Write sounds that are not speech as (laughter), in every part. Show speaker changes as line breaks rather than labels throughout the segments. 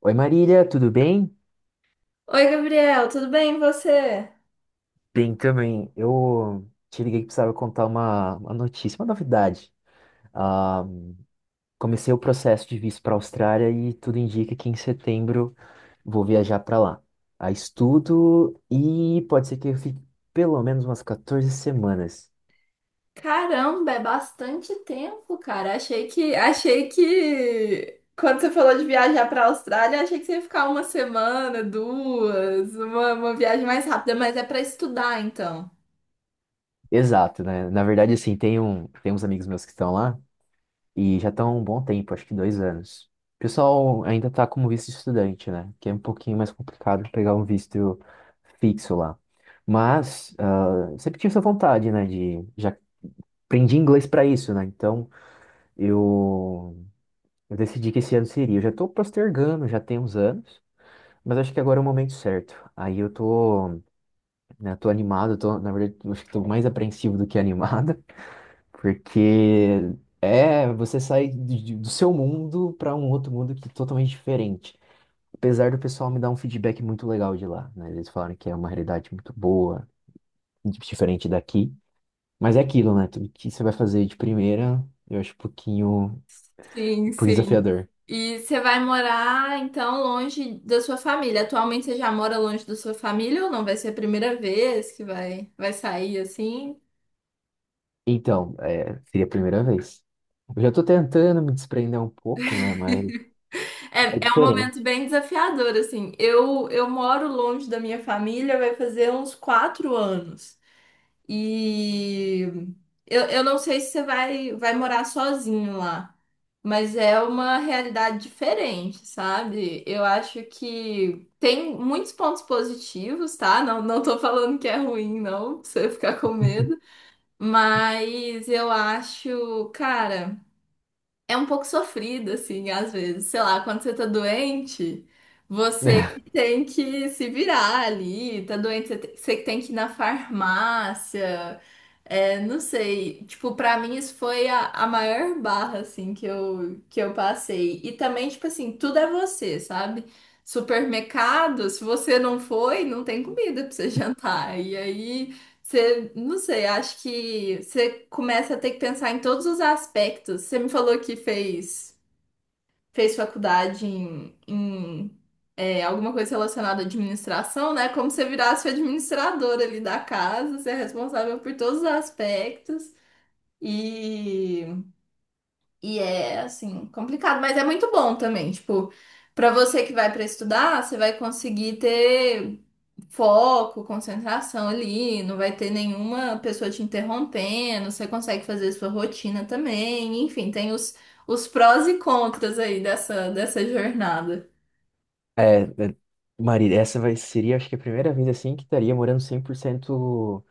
Oi, Marília, tudo bem?
Oi, Gabriel, tudo bem e você?
Bem também. Eu te liguei que precisava contar uma notícia, uma novidade. Ah, Comecei o processo de visto para a Austrália e tudo indica que em setembro vou viajar para lá. A estudo e pode ser que eu fique pelo menos umas 14 semanas.
Caramba, é bastante tempo, cara. Achei que quando você falou de viajar para a Austrália, achei que você ia ficar uma semana, duas, uma viagem mais rápida, mas é para estudar, então.
Exato, né? Na verdade, assim, tem uns amigos meus que estão lá. E já estão há um bom tempo, acho que 2 anos. O pessoal ainda está como visto estudante, né? Que é um pouquinho mais complicado pegar um visto fixo lá. Mas sempre tive essa vontade, né? De já aprendi inglês para isso, né? Então eu, eu decidi que esse ano seria. Eu já estou postergando, já tem uns anos, mas acho que agora é o momento certo. Aí eu tô, né, tô animado, tô, na verdade, eu acho que tô mais apreensivo do que (laughs) animado, porque é você sai do seu mundo para um outro mundo que é totalmente diferente. Apesar do pessoal me dar um feedback muito legal de lá, né? Eles falaram que é uma realidade muito boa, diferente daqui. Mas é aquilo, né? Tudo que você vai fazer de primeira, eu acho
Sim,
um pouquinho
sim.
desafiador.
E você vai morar então longe da sua família. Atualmente você já mora longe da sua família ou não? Vai ser a primeira vez que vai, vai sair assim?
Então, é, seria a primeira vez. Eu já tô tentando me desprender um pouco, né? Mas é
É, é um momento
diferente.
bem desafiador, assim. Eu moro longe da minha família, vai fazer uns quatro anos. E eu não sei se você vai, vai morar sozinho lá, mas é uma realidade diferente, sabe? Eu acho que tem muitos pontos positivos, tá? Não, não tô falando que é ruim, não, pra você ficar com medo. Mas eu acho, cara, é um pouco sofrido, assim, às vezes. Sei lá, quando você tá doente, você que
(laughs)
tem que se virar ali, tá doente, você que tem que ir na farmácia. É, não sei, tipo, pra mim isso foi a maior barra, assim, que eu passei. E também, tipo assim, tudo é você, sabe? Supermercado, se você não foi, não tem comida pra você (laughs) jantar. E aí. Você, não sei, acho que você começa a ter que pensar em todos os aspectos. Você me falou que fez faculdade em alguma coisa relacionada à administração, né? Como você virasse o administrador ali da casa, você é responsável por todos os aspectos. E, e é, assim, complicado, mas é muito bom também. Tipo, para você que vai para estudar, você vai conseguir ter foco, concentração ali, não vai ter nenhuma pessoa te interrompendo, você consegue fazer sua rotina também, enfim, tem os prós e contras aí dessa jornada.
É, é, Marília, essa vai, seria, acho que a primeira vez assim que estaria morando 100%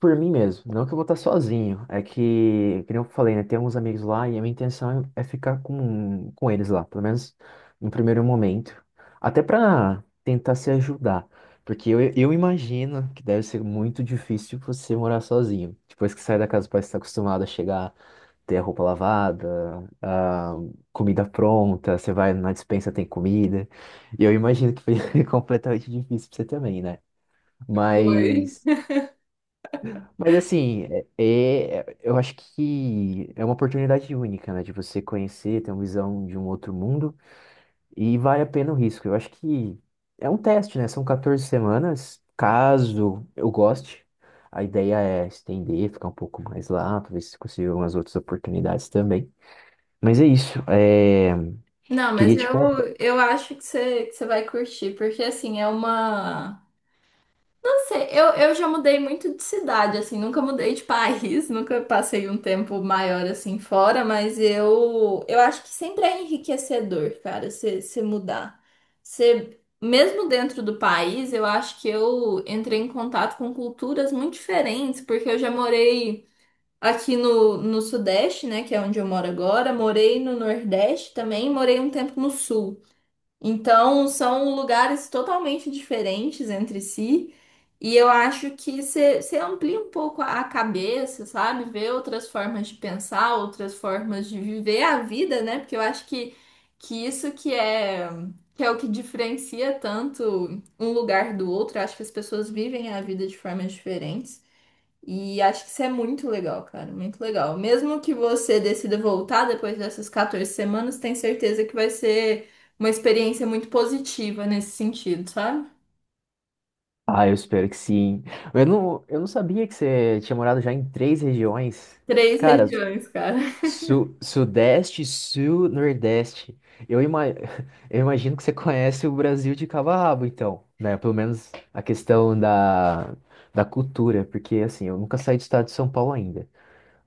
por mim mesmo, não que eu vou estar sozinho. É que, como eu falei, né? Tem uns amigos lá e a minha intenção é ficar com eles lá, pelo menos no primeiro momento. Até para tentar se ajudar. Porque eu imagino que deve ser muito difícil você morar sozinho. Depois que sai da casa, parece que está acostumado a chegar, ter a roupa lavada, a comida pronta, você vai na despensa, tem comida. E eu imagino que foi (laughs) completamente difícil pra você também, né?
Foi.
Mas. Mas assim, eu acho que é uma oportunidade única, né? De você conhecer, ter uma visão de um outro mundo e vale a pena o risco. Eu acho que é um teste, né? São 14 semanas. Caso eu goste, a ideia é estender, ficar um pouco mais lá, para ver se consigo umas outras oportunidades também. Mas é isso. É,
Não, mas
queria te contar.
eu acho que você vai curtir, porque assim, é uma. Não sei, eu já mudei muito de cidade, assim, nunca mudei de país, (laughs) nunca passei um tempo maior assim fora, mas eu acho que sempre é enriquecedor, cara, você mudar. Você, mesmo dentro do país, eu acho que eu entrei em contato com culturas muito diferentes, porque eu já morei aqui no Sudeste, né, que é onde eu moro agora, morei no Nordeste também, morei um tempo no Sul. Então, são lugares totalmente diferentes entre si, e eu acho que você amplia um pouco a cabeça, sabe? Ver outras formas de pensar, outras formas de viver a vida, né? Porque eu acho que isso que é o que diferencia tanto um lugar do outro. Eu acho que as pessoas vivem a vida de formas diferentes. E acho que isso é muito legal, cara, muito legal. Mesmo que você decida voltar depois dessas 14 semanas, tem certeza que vai ser uma experiência muito positiva nesse sentido, sabe?
Ah, eu espero que sim. Eu não sabia que você tinha morado já em três regiões.
Três
Cara,
regiões, cara. (laughs)
Sudeste, Sul, Nordeste. Eu, ima- (laughs) eu imagino que você conhece o Brasil de cabo a rabo, então, né? Pelo menos a questão da, da cultura, porque assim, eu nunca saí do estado de São Paulo ainda.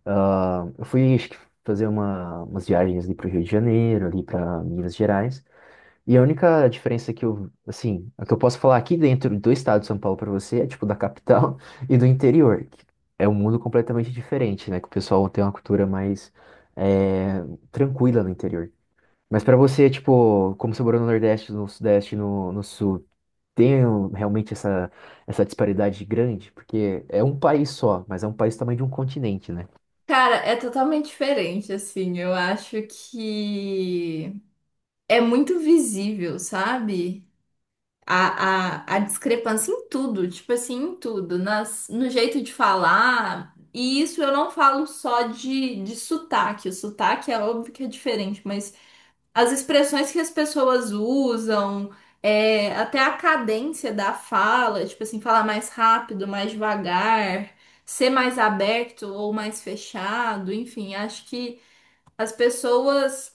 Ah, eu fui fazer uma, umas viagens ali para o Rio de Janeiro, ali para Minas Gerais. E a única diferença que eu, assim, a que eu posso falar aqui dentro do estado de São Paulo pra você é tipo da capital (laughs) e do interior, que é um mundo completamente diferente, né? Que o pessoal tem uma cultura mais é, tranquila no interior. Mas pra você, tipo, como você morou no Nordeste, no Sudeste, no Sul, realmente essa, essa disparidade grande? Porque é um país só, mas é um país também de um continente, né?
Cara, é totalmente diferente, assim. Eu acho que é muito visível, sabe? A discrepância em tudo, tipo assim, em tudo, nas, no jeito de falar. E isso eu não falo só de sotaque. O sotaque é óbvio que é diferente, mas as expressões que as pessoas usam, é, até a cadência da fala, tipo assim, falar mais rápido, mais devagar, ser mais aberto ou mais fechado, enfim, acho que as pessoas.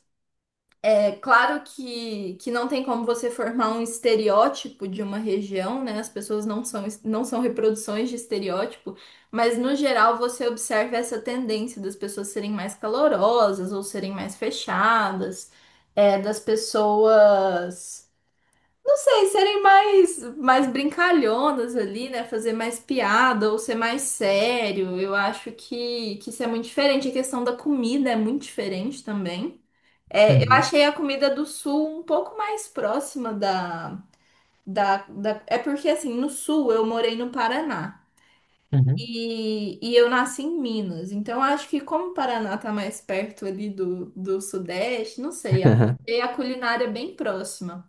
É claro que não tem como você formar um estereótipo de uma região, né? As pessoas não são reproduções de estereótipo, mas no geral você observa essa tendência das pessoas serem mais calorosas ou serem mais fechadas, é, das pessoas, não sei, serem mais brincalhonas ali, né? Fazer mais piada ou ser mais sério. Eu acho que isso é muito diferente. A questão da comida é muito diferente também. É, eu
(laughs)
achei a comida do sul um pouco mais próxima da- É porque, assim, no sul eu morei no Paraná
Uhum, uhum.
e eu nasci em Minas. Então, eu acho que como o Paraná tá mais perto ali do Sudeste, não sei, achei a culinária é bem próxima.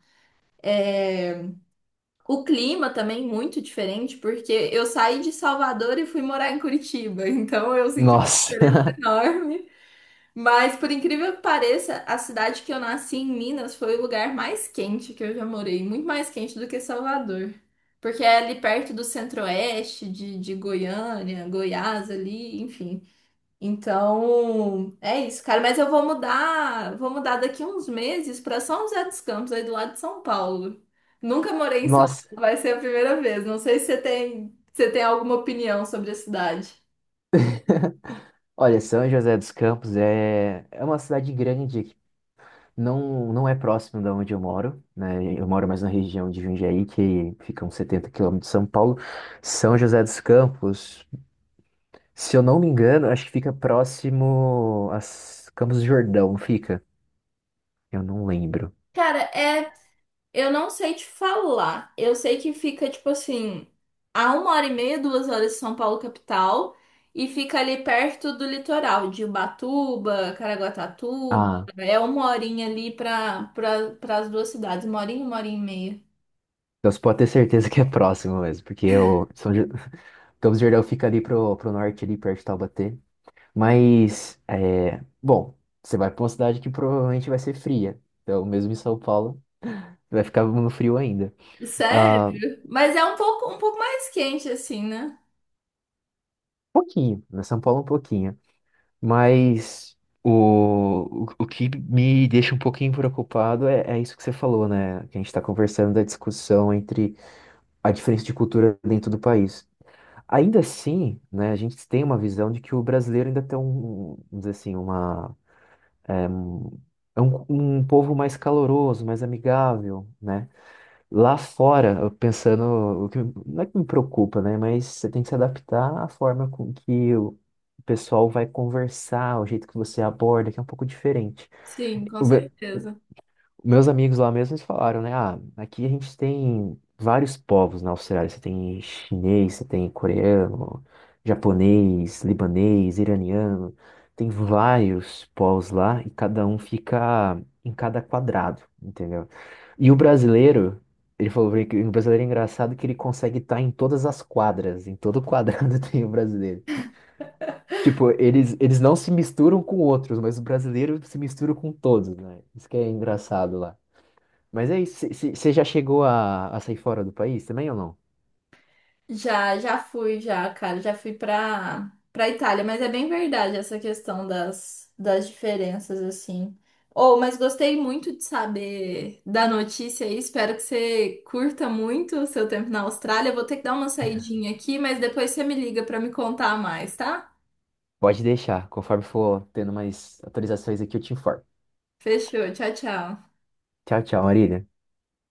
O clima também muito diferente, porque eu saí de Salvador e fui morar em Curitiba. (laughs) Então, eu senti uma
Nossa,
diferença
(laughs)
enorme. Mas, por incrível que pareça, a cidade que eu nasci em Minas foi o lugar mais quente que eu já morei, muito mais quente do que Salvador. Porque é ali perto do centro-oeste, de Goiânia, Goiás ali, enfim. Então, é isso, cara. Mas eu vou mudar daqui uns meses para São José dos Campos, aí do lado de São Paulo. Nunca morei em São Paulo,
nossa.
vai ser a primeira vez. Não sei se você tem, se você tem alguma opinião sobre a cidade.
Olha, São José dos Campos é uma cidade grande que não é próximo da onde eu moro, né? Eu moro mais na região de Jundiaí, que fica uns 70 quilômetros de São Paulo. São José dos Campos, se eu não me engano, acho que fica próximo a Campos do Jordão, fica? Eu não lembro.
Cara, é, eu não sei te falar. Eu sei que fica, tipo assim, a uma hora e meia, duas horas de São Paulo, capital, e fica ali perto do litoral, de Ubatuba, Caraguatatuba.
Ah,
É uma horinha ali pra pras duas cidades, uma horinha e meia.
então você pode ter certeza que é próximo mesmo, porque o Campos do Jordão fica ali pro norte, ali perto de Taubaté. Mas, é, bom, você vai para uma cidade que provavelmente vai ser fria. Então, mesmo em São Paulo, vai ficar no frio ainda.
Sério?
Ah,
Mas é um pouco mais quente, assim, né?
pouquinho, na São Paulo é um pouquinho. Mas o que me deixa um pouquinho preocupado é isso que você falou, né? Que a gente está conversando da discussão entre a diferença de cultura dentro do país. Ainda assim, né, a gente tem uma visão de que o brasileiro ainda tem um, vamos dizer assim, uma É é um povo mais caloroso, mais amigável, né? Lá fora, eu pensando, o que, não é que me preocupa, né? Mas você tem que se adaptar à forma com que o pessoal vai conversar, o jeito que você aborda, que é um pouco diferente.
Sim, com certeza.
Meus amigos lá mesmo, eles falaram, né? Ah, aqui a gente tem vários povos na Austrália. Você tem chinês, você tem coreano, japonês, libanês, iraniano. Tem vários povos lá e cada um fica em cada quadrado, entendeu? E o brasileiro, ele falou pra mim que o brasileiro é engraçado que ele consegue estar em todas as quadras, em todo quadrado (laughs) tem o brasileiro. Tipo, eles não se misturam com outros, mas o brasileiro se mistura com todos, né? Isso que é engraçado lá. Mas é isso. Você já chegou a sair fora do país também ou não?
Já, já fui, já, cara, já fui pra Itália, mas é bem verdade essa questão das diferenças, assim. Oh, mas gostei muito de saber da notícia aí, espero que você curta muito o seu tempo na Austrália. Vou ter que dar uma saidinha aqui, mas depois você me liga pra me contar mais, tá?
Pode deixar. Conforme for tendo mais atualizações aqui, eu te informo.
Fechou, tchau, tchau.
Tchau, tchau, Marília.